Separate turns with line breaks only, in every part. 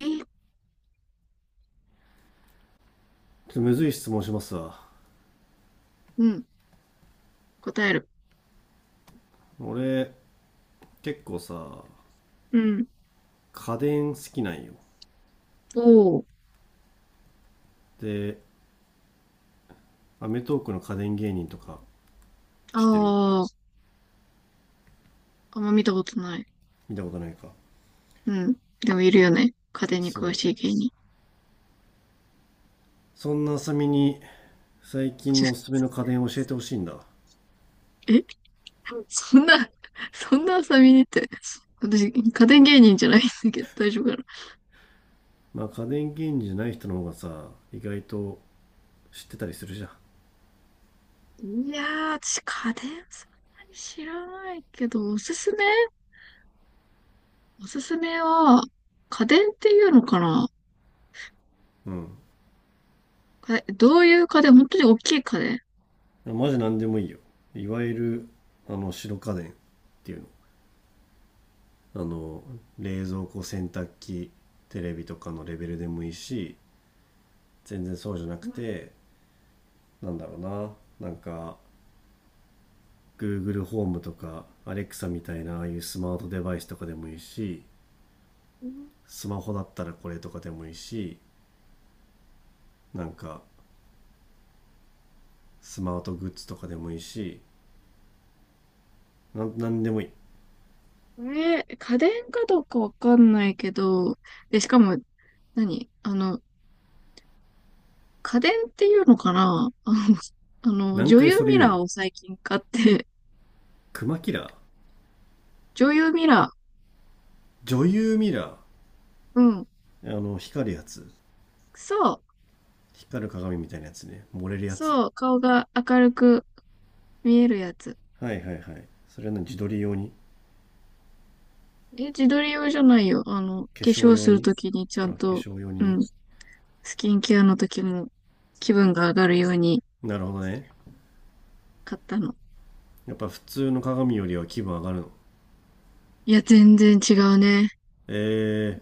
え
ちょっとむずい質問しますわ。
うん。答える。
俺、結構さ、
うん。
家電好きなんよ。
おー。
で、アメトーークの家電芸人とか知ってる？
あー。あんま見たことない。
見たことないか。
うん。でもいるよね。家電に
そ
詳
う、
しい芸人。
そんなあさみに最近
ちょ
のおすすめの家電を教えてほしいんだ。
えそんな、そんな遊びにって。私、家電芸人じゃないんだけど、大丈夫かな。
まあ家電芸人じゃない人の方がさ、意外と知ってたりするじゃん。
いやー、私、家電そんなに知らないけど、おすすめは、家電っていうのかな、
うん。
か、どういう家電、本当に大きい家電。
マジ何でもいいよ。いわゆる白家電っていうの。あの冷蔵庫、洗濯機、テレビとかのレベルでもいいし、全然そうじゃなくて、なんだろうななんか Google ホームとか Alexa みたいなああいうスマートデバイスとかでもいいし、
うん。
スマホだったらこれとかでもいいし、なんかスマートグッズとかでもいいし、なんでもいい。
家電かどうかわかんないけど、で、しかも何、家電っていうのかなあ、
何
女
回
優
それ
ミ
言う
ラ
ね
ー
ん。
を最近買って、
クマキラー。
女優ミラ
女優ミラ
ー。うん。
ー、あの光るやつ。
そう。
光る鏡みたいなやつね、漏れるやつ。
そう。顔が明るく見えるやつ。
はいはいはい、それは何、自撮り用に？
え、自撮り用じゃないよ。化
化粧
粧
用
する
に？
ときにちゃ
あ、化
んと、
粧用
う
にね。
ん。スキンケアのときも気分が上がるように
なるほどね。
買ったの。
やっぱ普通の鏡よりは気分上がるの？
いや、全然違うね。
え、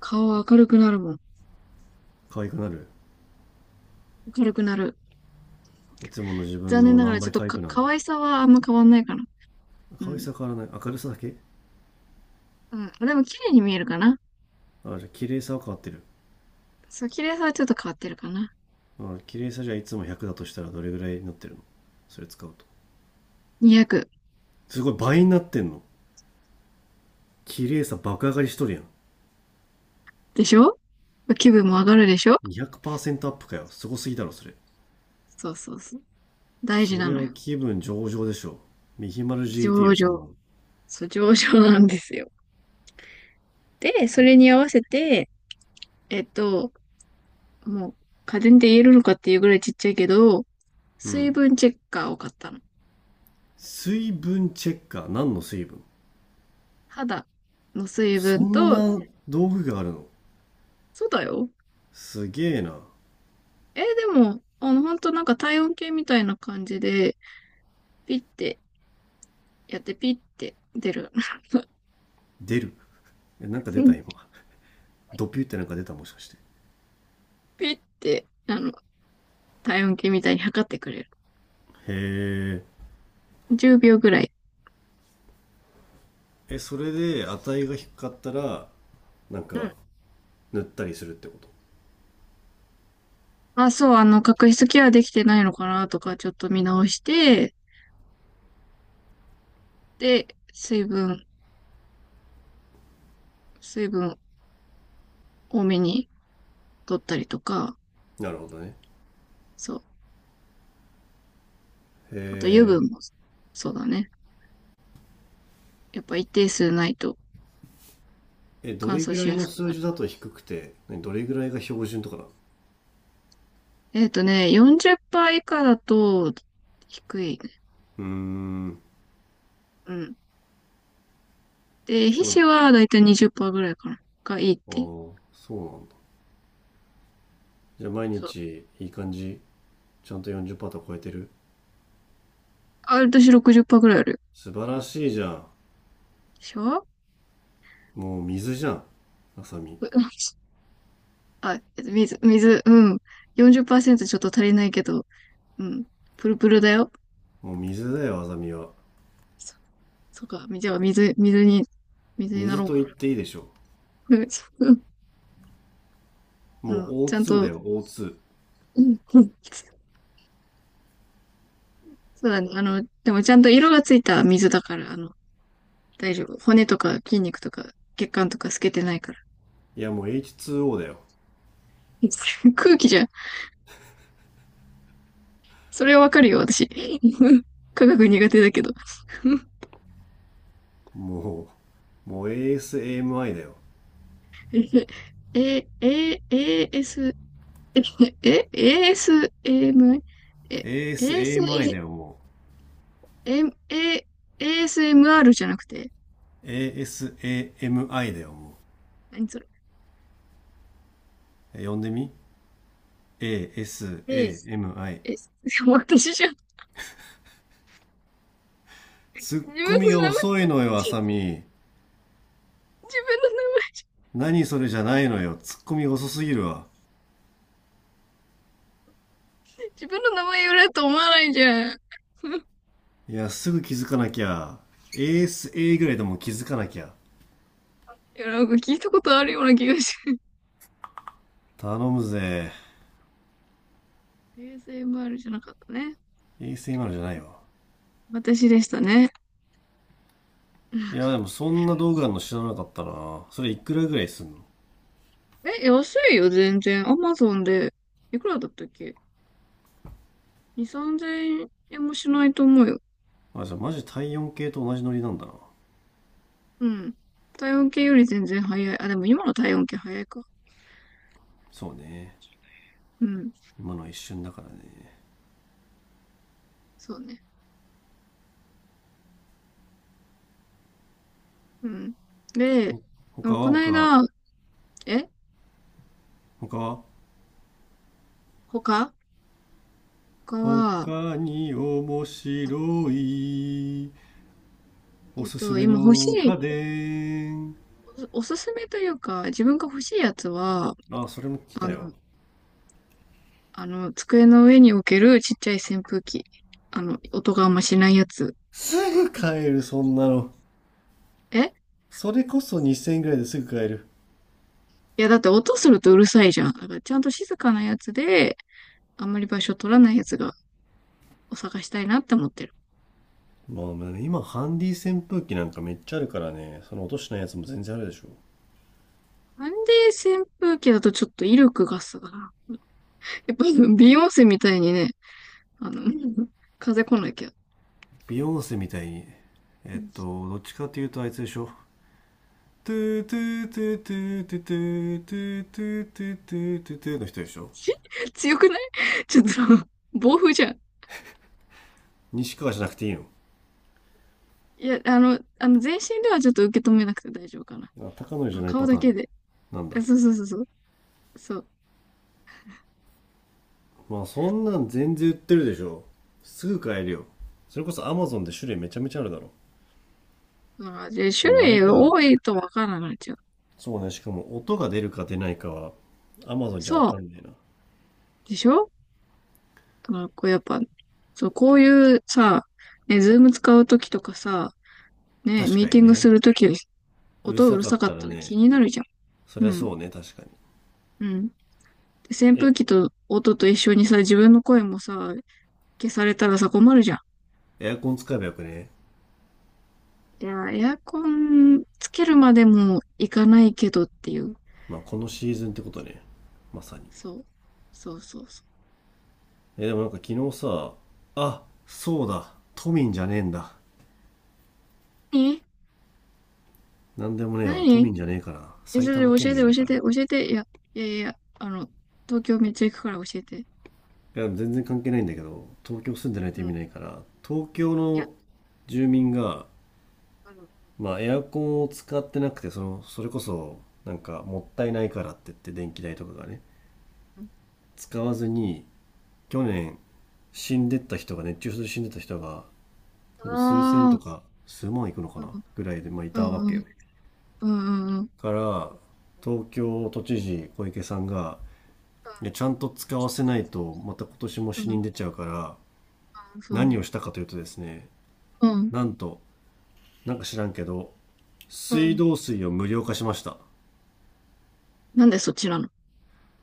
顔は明るくなるもん。
可愛くなる？
明るくなる。
いつもの自分
残念
の
なが
何
らちょっ
倍
と
可愛
か、
くなる
可
の？
愛さはあんま変わんないかな。う
可愛
ん。
さ変わらない。明るさだけ。
うん。あ、でも綺麗に見えるかな。
あ、じゃあ綺麗さは変わってる。
そう、綺麗さはちょっと変わってるかな。
あ、綺麗さじゃあいつも100だとしたらどれぐらいになってるの、それ使うと。
200
すごい、倍になってんの。綺麗さ爆上がりしとるやん。
でしょ？気分も上がるでしょ？
200%アップかよ。すごすぎだろ、それ。
そうそうそう。大事
そ
な
れ
の
は
よ。
気分上々でしょ。ミヒマル
上
GT
々。
よ、そんなの。
そう、上場なんですよ。で、それに合わせて、えっと、もう、家電で言えるのかっていうぐらいちっちゃいけど、
う
水
ん。
分チェッカーを買ったの。
水分チェッカー。何の水分、
肌の水
そ
分
ん
と、
な道具があるの？
そうだよ。
すげえな。
えーでも、ほんとなんか体温計みたいな感じで、ピッてやってピッて出る。
出る。え、なんか出た、今。ドピュってなんか出た、もしかして。
ピッて、体温計みたいに測ってくれる。
へえ。
10秒ぐらい。
え、それで値が低かったら、なん
う
か
ん。
塗ったりするってこと？
あ、そう、角質ケアできてないのかなとか、ちょっと見直して、で、水分多めに取ったりとか、
なるほどね。
そう。
へ
あと油分も、そうだね。やっぱ一定数ないと
え。え、ど
乾
れ
燥
ぐ
し
らい
やす
の
くな
数
る。
字だと低くて、何どれぐらいが標準とかな。
40%以下だと低いね。
うーん。
うん。で、皮
そうなの？
脂はだいたい20%ぐらいかな。がいいっ
ああ
て。
そうなんだ。じゃあ毎
そう。
日いい感じ、ちゃんと40%ト超えてる。
あ、私60%ぐらいあるよ。
素晴らしいじゃん。
でしょう？
もう水じゃん、あさみ。
あ、水、うん。40%ちょっと足りないけど、うん。プルプルだよ。
もう水だよ、あさみは。
そうか、じゃあ水にな
水
ろう
と
か
言っ
な。
ていいでしょ。 もう
ちゃん
O2 だ
と、
よ、 O2。
うんうん。そうだね。でもちゃんと色がついた水だから、大丈夫。骨とか筋肉とか血管とか透けてないから。
いやもう H2O だよ。
空気じゃん。それはわかるよ、私。科学苦手だけど。
ももう ASAMI だよ。
え、AS、S、 ASM、AS、エム、え、エーエス
ASAMI だよ、も
エム、ASMR じゃなくて、
う。ASAMI だよ、もう。
何それ。
呼んでみ、 ASAMI。
え、私じゃん、
ツッ
自分
コミが
の名前、
遅いのよ、あ
自
さみ。
分の名前、
何それじゃないのよ。ツッコミが遅すぎるわ。
自分の名前言われると思わないじゃん。い
いや、すぐ気づかなきゃ。ASA ぐらいでも気づかなきゃ。
や、なんか聞いたことあるような気がし
頼むぜ。
て。ASMR じゃなかったね。
ASMI じゃないわ。
私でしたね。
いや、でもそんな道具あるの知らなかったな。それいくらぐらいすんの？
え、安いよ、全然。アマゾンで。いくらだったっけ？ 2、3000円もしないと思うよ。
あ、じゃあマジ体温計と同じノリなんだな。
うん。体温計より全然早い。あ、でも今の体温計早いか。
そうね。
うん。
今のは一瞬だからね。
そうね。うん。で、で
お、他
も
は
この
他、
間、え
他は
他他は、
他に面白いおすすめ
今欲し
の
い
家電。
おすすめというか、自分が欲しいやつは、
あ、それも来
あ
たよ。
の、机の上に置けるちっちゃい扇風機。音があんましないやつ。
すぐ買える、そんなの。
え
それこそ2000円ぐらいですぐ買える。
いや、だって音するとうるさいじゃん。だからちゃんと静かなやつで、あんまり場所取らないやつを探したいなって思ってる。
まあね、今、ハンディ扇風機なんかめっちゃあるからね、その落としないやつも全然あるでしょ。
なんで扇風機だとちょっと威力がさ、やっぱビヨンセみたいにね、あの、風来なきゃ。
ビヨンセみたいに、どっちかっていうとあいつでしょ。トゥートゥートゥートゥートゥートゥートゥートゥートゥートゥートゥーの人でしょ。
し強くないちょっと、暴風じゃん。
西川じゃなくていいの？
いや、全身ではちょっと受け止めなくて大丈夫かな。
高野じゃ
あ、
ない
顔
パ
だ
ター
け
ン？
で。
なん
あ、
だ。
そうそうそうそう。そう。
まあそんなん全然売ってるでしょ、すぐ買えるよ。それこそアマゾンで種類めちゃめちゃあるだろ。
だからで、
で
種
もあれ
類
か。
多いとわからないじゃん。
そうね、しかも音が出るか出ないかはアマゾンじゃわ
そう。
かんないな。
でしょ？だからこうやっぱ、そう、こういうさ、ね、ズーム使うときとかさ、ね、
確
ミー
か
テ
に
ィングす
ね。
るとき、
うる
音う
さ
る
かっ
さか
た
っ
ら
たら気
ね、
になるじゃん。
そ
う
りゃ
ん。
そうね、確かに。
うん。で、扇
え、
風機と音と一緒にさ、自分の声もさ、消されたらさ、困るじゃん。
エアコン使えばよくね？
いや、エアコンつけるまでもいかないけどっていう。
まあこのシーズンってことね、まさに。
そう。そうそうそう。
え、でもなんか昨日さ、あそうだ都民じゃねえんだ。
何、
なんでもねえわ。都
何？
民じゃねえから。埼
それ
玉
教
県
えて、
民だ
教
か
え
らな。
て、教えて。いや、いやいやいや、東京めっちゃ行くから教えて。
いや、全然関係ないんだけど、東京住んでないと意
う
味
ん。
ないから、東京
いや、
の住民が、
あの、
まあ、エアコンを使ってなくて、その、それこそ、なんか、もったいないからって言って、電気代とかがね、使わずに、去年、死んでった人が、熱中症で死んでった人が、多分数千
あ
と
あ
か、数万いくのか
ー、
な
う
ぐらいで、まあ、いたわ
ん、う
け
ん、うん、
よ。
うん、うん、うん、
から、東京都知事小池さんが、いやちゃんと使わせないと、また今年も
う
死
ん、
人出ちゃうから、
うん、そう
何
ね。
をしたかというとですね、
うん、
なんと、なんか知らんけど、
う
水
ん。
道水を無料化しました。
なんでそっちなの？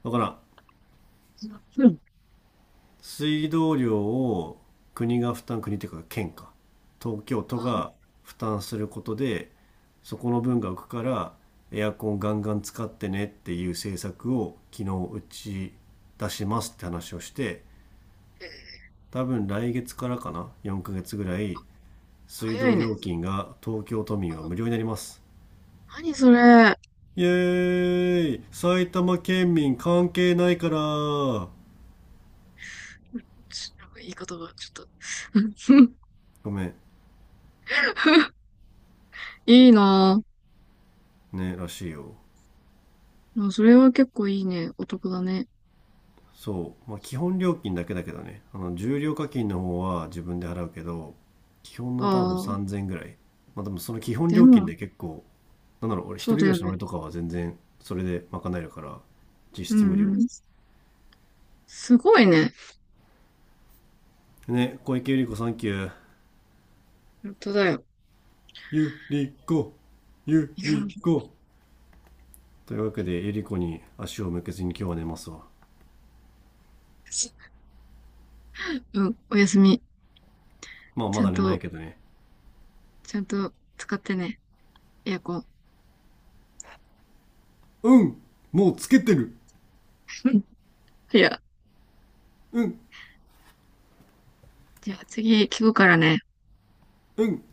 だからん、
うん。
水道料を国が負担、国というか県か、東京都
あ、
が負担することで、そこの分が浮くから、エアコンガンガン使ってねっていう政策を昨日打ち出しますって話をして、
えー
多分来月からかな、4ヶ月ぐらい水
早
道
いね。
料金が東京都民は無料になります。
何それ。
イエーイ、埼玉県民関係ないから。
なんか言い方がちょっと。
ごめん
いいなぁ。
ね、らしいよ。
でもそれは結構いいね。お得だね。
そうまあ基本料金だけだけどね、あの重量課金の方は自分で払うけど、基本の多分
ああ、
3000ぐらい。まあでもその基本
で
料金
も、
で結構、なんだろう、俺一
そ
人
うだ
暮ら
よ
しの
ね。
俺とかは全然それで賄えるから、実
う
質無
ん
料。
うん。すごいね。
ね、小池百合子サンキュー。
本当だよ。
ゆりこ、ゆり こ。というわけでエリコに足を向けずに今日は寝ますわ。
うん、おやすみ。
まあ
ち
ま
ゃん
だ寝ない
と、
けどね。
ちゃんと使ってね、エアコン。
うん、もうつけてる。
うん。いや、
うん
じゃあ次聞くからね。
うん。